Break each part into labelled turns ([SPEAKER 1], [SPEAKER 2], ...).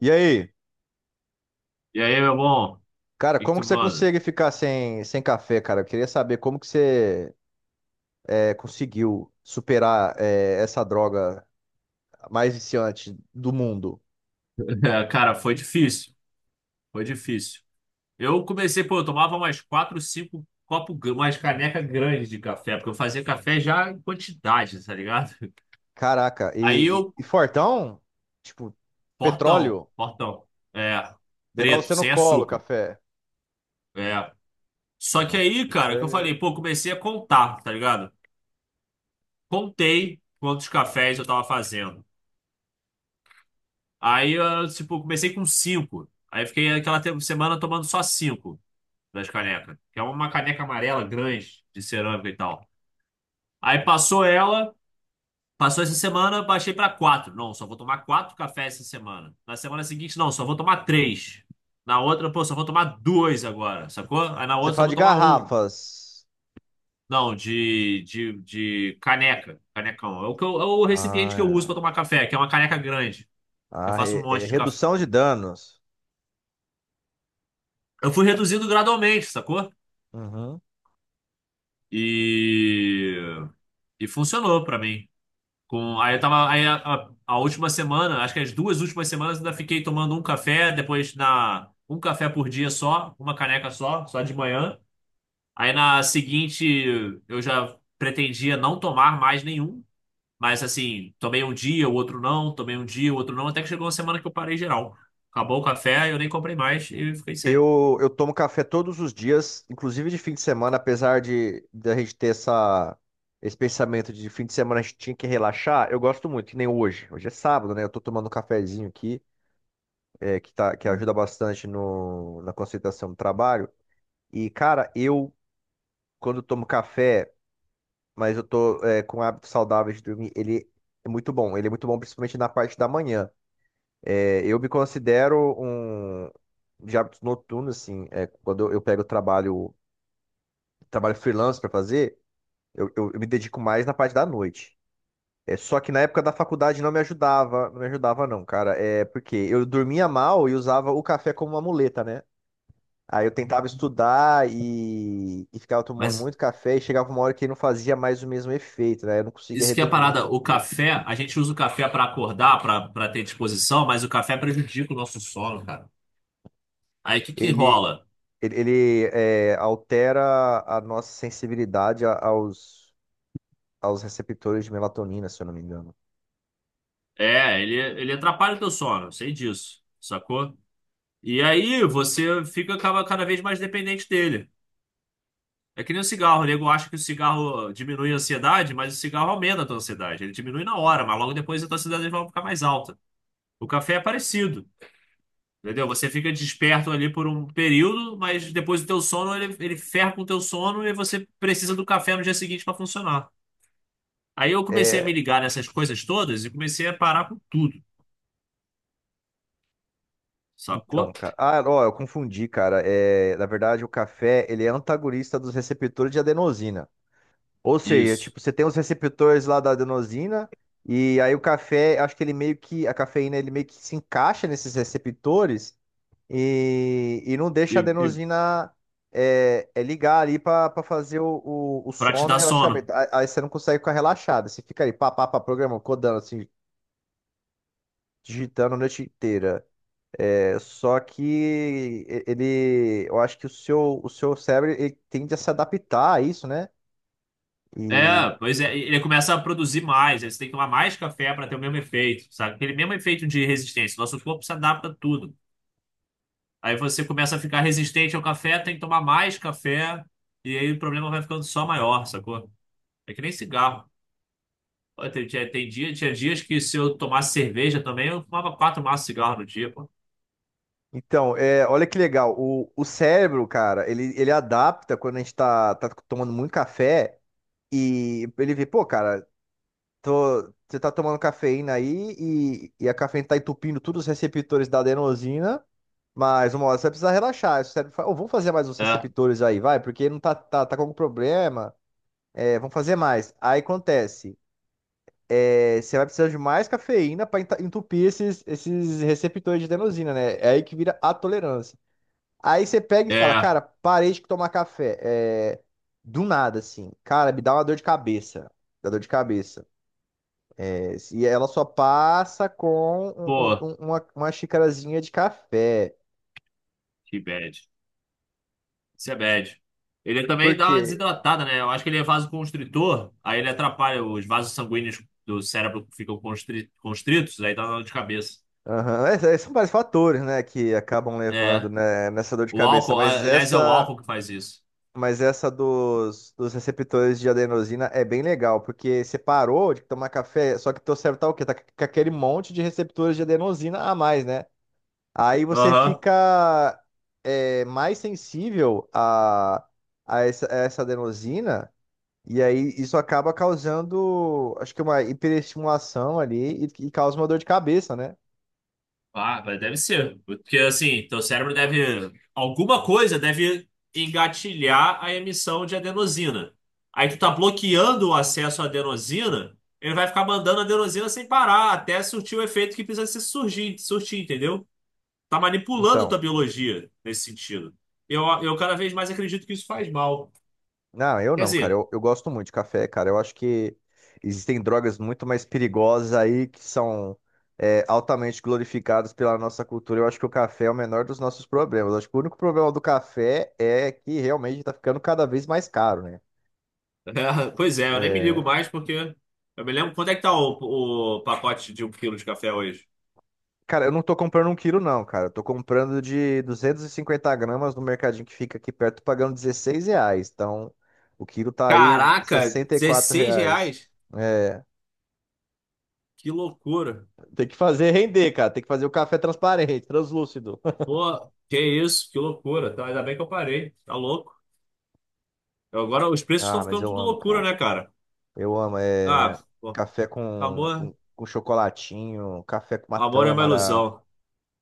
[SPEAKER 1] E aí,
[SPEAKER 2] E aí, meu bom? O
[SPEAKER 1] cara,
[SPEAKER 2] que que
[SPEAKER 1] como
[SPEAKER 2] tu
[SPEAKER 1] que você
[SPEAKER 2] manda?
[SPEAKER 1] consegue ficar sem café, cara? Eu queria saber como que você conseguiu superar essa droga mais viciante do mundo.
[SPEAKER 2] É, cara, foi difícil. Foi difícil. Eu comecei, pô, eu tomava mais quatro, cinco copos, umas caneca grandes de café, porque eu fazia café já em quantidade, tá ligado?
[SPEAKER 1] Caraca,
[SPEAKER 2] Aí
[SPEAKER 1] e,
[SPEAKER 2] eu,
[SPEAKER 1] e- e fortão? Tipo,
[SPEAKER 2] portão,
[SPEAKER 1] petróleo?
[SPEAKER 2] portão, é,
[SPEAKER 1] Levar você
[SPEAKER 2] preto,
[SPEAKER 1] no
[SPEAKER 2] sem
[SPEAKER 1] colo,
[SPEAKER 2] açúcar,
[SPEAKER 1] café.
[SPEAKER 2] é. Só que
[SPEAKER 1] Nossa,
[SPEAKER 2] aí,
[SPEAKER 1] o
[SPEAKER 2] cara,
[SPEAKER 1] cara
[SPEAKER 2] que eu
[SPEAKER 1] é.
[SPEAKER 2] falei, pô, comecei a contar, tá ligado? Contei quantos cafés eu tava fazendo. Aí, eu, tipo, comecei com cinco. Aí fiquei aquela semana tomando só cinco. Das canecas, que é uma caneca amarela grande de cerâmica e tal. Aí passou essa semana, baixei pra quatro. Não, só vou tomar quatro cafés essa semana. Na semana seguinte, não, só vou tomar três. Na outra, pô, só vou tomar dois agora, sacou? Aí na
[SPEAKER 1] Você
[SPEAKER 2] outra, só
[SPEAKER 1] fala
[SPEAKER 2] vou
[SPEAKER 1] de
[SPEAKER 2] tomar um.
[SPEAKER 1] garrafas.
[SPEAKER 2] Não, de caneca, canecão. É o recipiente que eu uso pra
[SPEAKER 1] Ah, é.
[SPEAKER 2] tomar café, que é uma caneca grande. Eu
[SPEAKER 1] Ah,
[SPEAKER 2] faço um
[SPEAKER 1] é
[SPEAKER 2] monte de café.
[SPEAKER 1] redução de danos.
[SPEAKER 2] Eu fui reduzindo gradualmente, sacou?
[SPEAKER 1] Uhum.
[SPEAKER 2] E, e funcionou pra mim. Aí eu tava. Aí a última semana, acho que as 2 últimas semanas, ainda fiquei tomando um café, depois na. Um café por dia só, uma caneca só, só de manhã. Aí na seguinte eu já pretendia não tomar mais nenhum. Mas assim, tomei um dia, o outro não, tomei um dia, o outro não, até que chegou uma semana que eu parei geral. Acabou o café, eu nem comprei mais e fiquei sem.
[SPEAKER 1] Eu tomo café todos os dias, inclusive de fim de semana, apesar de a gente ter esse pensamento de fim de semana a gente tinha que relaxar. Eu gosto muito, que nem hoje. Hoje é sábado, né? Eu tô tomando um cafezinho aqui, tá, que ajuda bastante no, na concentração do trabalho. E, cara, quando tomo café, mas eu tô, com hábitos saudáveis de dormir, ele é muito bom. Ele é muito bom, principalmente na parte da manhã. Eu me considero um de hábitos noturnos, assim, quando eu pego o trabalho, trabalho freelance para fazer. Eu me dedico mais na parte da noite. Só que na época da faculdade não me ajudava, não, cara. É porque eu dormia mal e usava o café como uma muleta, né? Aí eu tentava estudar e ficava tomando
[SPEAKER 2] Mas
[SPEAKER 1] muito café, e chegava uma hora que não fazia mais o mesmo efeito, né? Eu não conseguia
[SPEAKER 2] isso que é a
[SPEAKER 1] render.
[SPEAKER 2] parada, o café, a gente usa o café pra acordar, pra para ter disposição, mas o café prejudica o nosso sono, cara. Aí o que que
[SPEAKER 1] Ele,
[SPEAKER 2] rola?
[SPEAKER 1] ele, altera a nossa sensibilidade aos receptores de melatonina, se eu não me engano.
[SPEAKER 2] É, ele atrapalha o teu sono, eu sei disso, sacou? E aí você fica cada vez mais dependente dele. É que nem o cigarro, o nego acha que o cigarro diminui a ansiedade, mas o cigarro aumenta a tua ansiedade. Ele diminui na hora, mas logo depois a tua ansiedade vai ficar mais alta. O café é parecido, entendeu? Você fica desperto ali por um período, mas depois o teu sono, ele ferra com o teu sono e você precisa do café no dia seguinte para funcionar. Aí eu comecei a me
[SPEAKER 1] É,
[SPEAKER 2] ligar nessas coisas todas e comecei a parar com tudo,
[SPEAKER 1] Então,
[SPEAKER 2] sacou?
[SPEAKER 1] cara. Ah, ó, eu confundi, cara. Na verdade, o café, ele é antagonista dos receptores de adenosina. Ou seja,
[SPEAKER 2] Isso.
[SPEAKER 1] tipo, você tem os receptores lá da adenosina, e aí o café, acho que ele meio que a cafeína ele meio que se encaixa nesses receptores, e não
[SPEAKER 2] E,
[SPEAKER 1] deixa a
[SPEAKER 2] e
[SPEAKER 1] adenosina ligar ali pra fazer o
[SPEAKER 2] Pra te
[SPEAKER 1] sono, o
[SPEAKER 2] dar
[SPEAKER 1] relaxamento.
[SPEAKER 2] sono.
[SPEAKER 1] Aí você não consegue ficar relaxado, você fica aí pá, pá, pá, programa, codando assim, digitando a noite inteira. Só que ele, eu acho que o seu cérebro ele tende a se adaptar a isso, né? E
[SPEAKER 2] É, pois é, ele começa a produzir mais, aí você tem que tomar mais café para ter o mesmo efeito, sabe? Aquele mesmo efeito de resistência. Nosso corpo se adapta a tudo. Aí você começa a ficar resistente ao café, tem que tomar mais café, e aí o problema vai ficando só maior, sacou? É que nem cigarro. Pô, Tem, tinha- tem dia, tinha dias que se eu tomasse cerveja também, eu fumava quatro maços de cigarro no dia, pô.
[SPEAKER 1] então, olha que legal, o cérebro, cara, ele adapta quando a gente tá tomando muito café, e ele vê, pô, cara, você tá tomando cafeína aí, e a cafeína tá entupindo todos os receptores da adenosina, mas uma hora você vai precisar relaxar. Aí o cérebro fala: "Ô, vamos fazer mais uns
[SPEAKER 2] É,
[SPEAKER 1] receptores aí, vai, porque não tá com algum problema, vamos fazer mais." Aí acontece. Você vai precisar de mais cafeína para entupir esses receptores de adenosina, né? É aí que vira a tolerância. Aí você pega e fala,
[SPEAKER 2] é,
[SPEAKER 1] cara, parei de tomar café. Do nada, assim. Cara, me dá uma dor de cabeça. Dá dor de cabeça. E ela só passa com um- um-
[SPEAKER 2] pô,
[SPEAKER 1] um, uma, uma xicarazinha de café.
[SPEAKER 2] que bad. Sebed. Ele
[SPEAKER 1] Por
[SPEAKER 2] também dá uma
[SPEAKER 1] quê?
[SPEAKER 2] desidratada, né? Eu acho que ele é vasoconstritor, aí ele atrapalha os vasos sanguíneos do cérebro que ficam constritos, aí dá dor de cabeça.
[SPEAKER 1] Aham, são vários fatores, né, que acabam levando,
[SPEAKER 2] É.
[SPEAKER 1] né, nessa dor de
[SPEAKER 2] O
[SPEAKER 1] cabeça.
[SPEAKER 2] álcool,
[SPEAKER 1] Mas
[SPEAKER 2] aliás, é o
[SPEAKER 1] essa
[SPEAKER 2] álcool que faz isso.
[SPEAKER 1] Mas essa dos receptores de adenosina é bem legal, porque você parou de tomar café, só que teu cérebro tá o quê? Tá com aquele monte de receptores de adenosina a mais, né? Aí você
[SPEAKER 2] Aham.
[SPEAKER 1] fica mais sensível a essa adenosina, e aí isso acaba causando, acho que, uma hiperestimulação ali, e causa uma dor de cabeça, né?
[SPEAKER 2] Ah, mas deve ser. Porque assim, teu cérebro deve. Alguma coisa deve engatilhar a emissão de adenosina. Aí tu tá bloqueando o acesso à adenosina, ele vai ficar mandando adenosina sem parar, até surtir o efeito que precisa se surgir, surtir, entendeu? Tá manipulando tua
[SPEAKER 1] Então.
[SPEAKER 2] biologia nesse sentido. Eu cada vez mais acredito que isso faz mal.
[SPEAKER 1] Não, eu
[SPEAKER 2] Quer
[SPEAKER 1] não, cara.
[SPEAKER 2] dizer,
[SPEAKER 1] Eu gosto muito de café, cara. Eu acho que existem drogas muito mais perigosas aí que são altamente glorificadas pela nossa cultura. Eu acho que o café é o menor dos nossos problemas. Eu acho que o único problema do café é que realmente tá ficando cada vez mais caro, né?
[SPEAKER 2] é, pois é, eu nem me ligo
[SPEAKER 1] É,
[SPEAKER 2] mais porque eu me lembro quanto é que tá o pacote de 1 quilo de café hoje.
[SPEAKER 1] Cara, eu não tô comprando um quilo, não, cara. Eu tô comprando de 250 gramas no mercadinho que fica aqui perto, pagando R$16. Então, o quilo tá aí
[SPEAKER 2] Caraca,
[SPEAKER 1] R$ 64
[SPEAKER 2] 16
[SPEAKER 1] reais.
[SPEAKER 2] reais?
[SPEAKER 1] É,
[SPEAKER 2] Que loucura.
[SPEAKER 1] Tem que fazer render, cara. Tem que fazer o café transparente, translúcido.
[SPEAKER 2] Pô, que isso, que loucura. Tá, ainda bem que eu parei. Tá louco. Agora os preços estão
[SPEAKER 1] Ah, mas
[SPEAKER 2] ficando
[SPEAKER 1] eu
[SPEAKER 2] tudo
[SPEAKER 1] amo,
[SPEAKER 2] loucura,
[SPEAKER 1] cara.
[SPEAKER 2] né, cara?
[SPEAKER 1] Eu amo. É
[SPEAKER 2] Ah, pô,
[SPEAKER 1] café com,
[SPEAKER 2] amor,
[SPEAKER 1] com, com chocolatinho, café com uma
[SPEAKER 2] amor é uma
[SPEAKER 1] tâmara.
[SPEAKER 2] ilusão.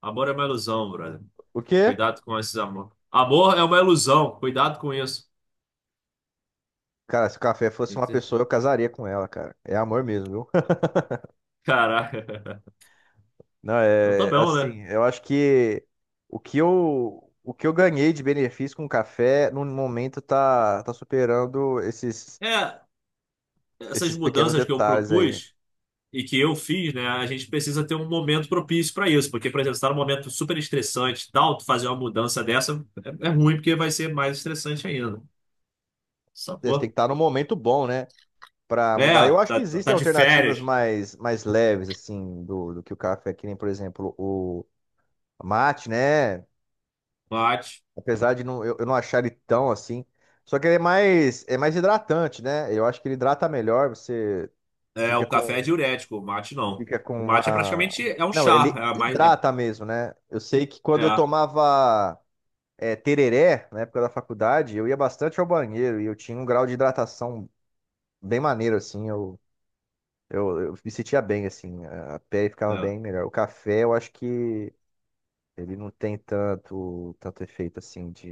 [SPEAKER 2] Amor é uma ilusão, brother.
[SPEAKER 1] O quê?
[SPEAKER 2] Cuidado com esses amor. Amor é uma ilusão. Cuidado com isso.
[SPEAKER 1] Cara, se o café fosse uma
[SPEAKER 2] Entendi.
[SPEAKER 1] pessoa, eu casaria com ela, cara. É amor mesmo, viu?
[SPEAKER 2] Caraca.
[SPEAKER 1] Não,
[SPEAKER 2] Então tá
[SPEAKER 1] é
[SPEAKER 2] bom, né?
[SPEAKER 1] assim, eu acho que o que eu ganhei de benefício com o café, no momento, tá superando esses,
[SPEAKER 2] É, essas
[SPEAKER 1] esses pequenos
[SPEAKER 2] mudanças que eu
[SPEAKER 1] detalhes aí.
[SPEAKER 2] propus e que eu fiz, né? A gente precisa ter um momento propício para isso, porque, por exemplo, se tá num momento super estressante, e tal, tu fazer uma mudança dessa é ruim, porque vai ser mais estressante ainda.
[SPEAKER 1] Você tem
[SPEAKER 2] Sacou?
[SPEAKER 1] que estar no momento bom, né, para mudar.
[SPEAKER 2] É,
[SPEAKER 1] Eu acho que
[SPEAKER 2] tá, tá
[SPEAKER 1] existem
[SPEAKER 2] de
[SPEAKER 1] alternativas
[SPEAKER 2] férias,
[SPEAKER 1] mais leves, assim, do que o café, que nem, por exemplo, o mate, né?
[SPEAKER 2] mate.
[SPEAKER 1] Apesar de não, eu não achar ele tão assim. Só que ele é mais hidratante, né? Eu acho que ele hidrata melhor, você
[SPEAKER 2] É,
[SPEAKER 1] fica
[SPEAKER 2] o café é
[SPEAKER 1] com,
[SPEAKER 2] diurético, o mate não.
[SPEAKER 1] fica com
[SPEAKER 2] O mate é
[SPEAKER 1] uma.
[SPEAKER 2] praticamente é um
[SPEAKER 1] Não,
[SPEAKER 2] chá,
[SPEAKER 1] ele
[SPEAKER 2] é mais
[SPEAKER 1] hidrata mesmo, né? Eu sei que quando eu
[SPEAKER 2] é,
[SPEAKER 1] tomava tereré, na época da faculdade, eu ia bastante ao banheiro e eu tinha um grau de hidratação bem maneiro, assim. Eu me sentia bem, assim, a pele ficava
[SPEAKER 2] é,
[SPEAKER 1] bem melhor. O café, eu acho que ele não tem tanto efeito, assim, de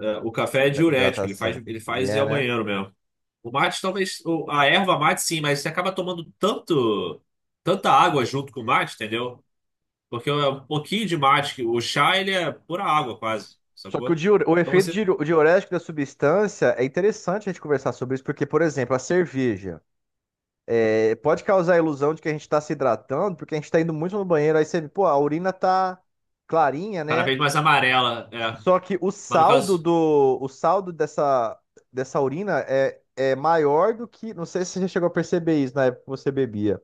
[SPEAKER 2] é. O café é
[SPEAKER 1] hidra-
[SPEAKER 2] diurético, ele faz
[SPEAKER 1] hidratação.
[SPEAKER 2] ele
[SPEAKER 1] E
[SPEAKER 2] faz ir
[SPEAKER 1] é,
[SPEAKER 2] ao
[SPEAKER 1] né?
[SPEAKER 2] banheiro mesmo. O mate, talvez. A erva mate, sim, mas você acaba tomando tanto, tanta água junto com o mate, entendeu? Porque é um pouquinho de mate. Que O chá, ele é pura água, quase,
[SPEAKER 1] Só que
[SPEAKER 2] sacou?
[SPEAKER 1] o
[SPEAKER 2] Então
[SPEAKER 1] efeito
[SPEAKER 2] você.
[SPEAKER 1] diurético da substância é interessante a gente conversar sobre isso, porque, por exemplo, a cerveja pode causar a ilusão de que a gente está se hidratando, porque a gente está indo muito no banheiro, aí você, pô, a urina tá clarinha,
[SPEAKER 2] Cada
[SPEAKER 1] né?
[SPEAKER 2] vez mais amarela, é.
[SPEAKER 1] Só que
[SPEAKER 2] Mas no caso.
[SPEAKER 1] o saldo dessa urina é maior do que. Não sei se você já chegou a perceber isso na época que você bebia.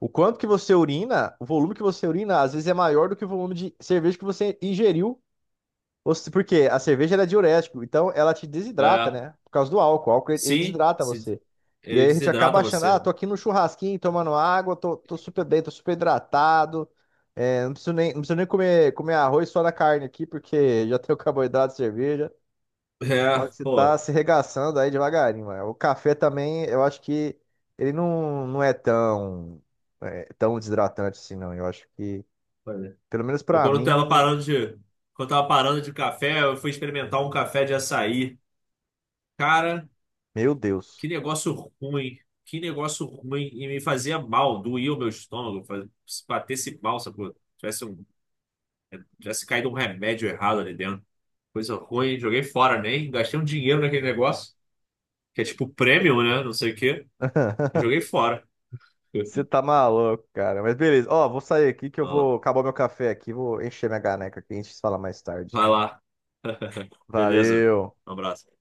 [SPEAKER 1] O quanto que você urina, o volume que você urina, às vezes é maior do que o volume de cerveja que você ingeriu ou porque a cerveja ela é diurético, então ela te desidrata,
[SPEAKER 2] É.
[SPEAKER 1] né? Por causa do álcool. O álcool ele
[SPEAKER 2] Sim,
[SPEAKER 1] desidrata você. E
[SPEAKER 2] ele
[SPEAKER 1] aí a gente acaba
[SPEAKER 2] desidrata
[SPEAKER 1] achando, ah,
[SPEAKER 2] você.
[SPEAKER 1] tô aqui no churrasquinho tomando água, tô super bem, tô super hidratado. Não preciso nem comer arroz só na carne aqui, porque já tenho carboidrato de cerveja.
[SPEAKER 2] É,
[SPEAKER 1] Só que você tá
[SPEAKER 2] pô.
[SPEAKER 1] se regaçando aí devagarinho, mano. O café também, eu acho que ele não é tão desidratante assim, não. Eu acho que,
[SPEAKER 2] Olha.
[SPEAKER 1] pelo menos
[SPEAKER 2] Eu
[SPEAKER 1] pra
[SPEAKER 2] quando tava
[SPEAKER 1] mim,
[SPEAKER 2] parando de. Quando tava parando de café, eu fui experimentar um café de açaí. Cara.
[SPEAKER 1] meu Deus.
[SPEAKER 2] Que negócio ruim. Que negócio ruim. E me fazia mal, doía o meu estômago. Se batesse mal, sacou? Tivesse caído um remédio errado ali dentro. Coisa ruim. Joguei fora, nem. Gastei um dinheiro naquele negócio. Que é tipo prêmio, né? Não sei o quê. E joguei fora.
[SPEAKER 1] Você tá maluco, cara. Mas beleza. Ó, vou sair aqui que eu
[SPEAKER 2] Vai
[SPEAKER 1] vou acabar meu café aqui, vou encher minha caneca aqui, a gente se fala mais tarde.
[SPEAKER 2] Vai lá. Beleza.
[SPEAKER 1] Valeu.
[SPEAKER 2] Um abraço.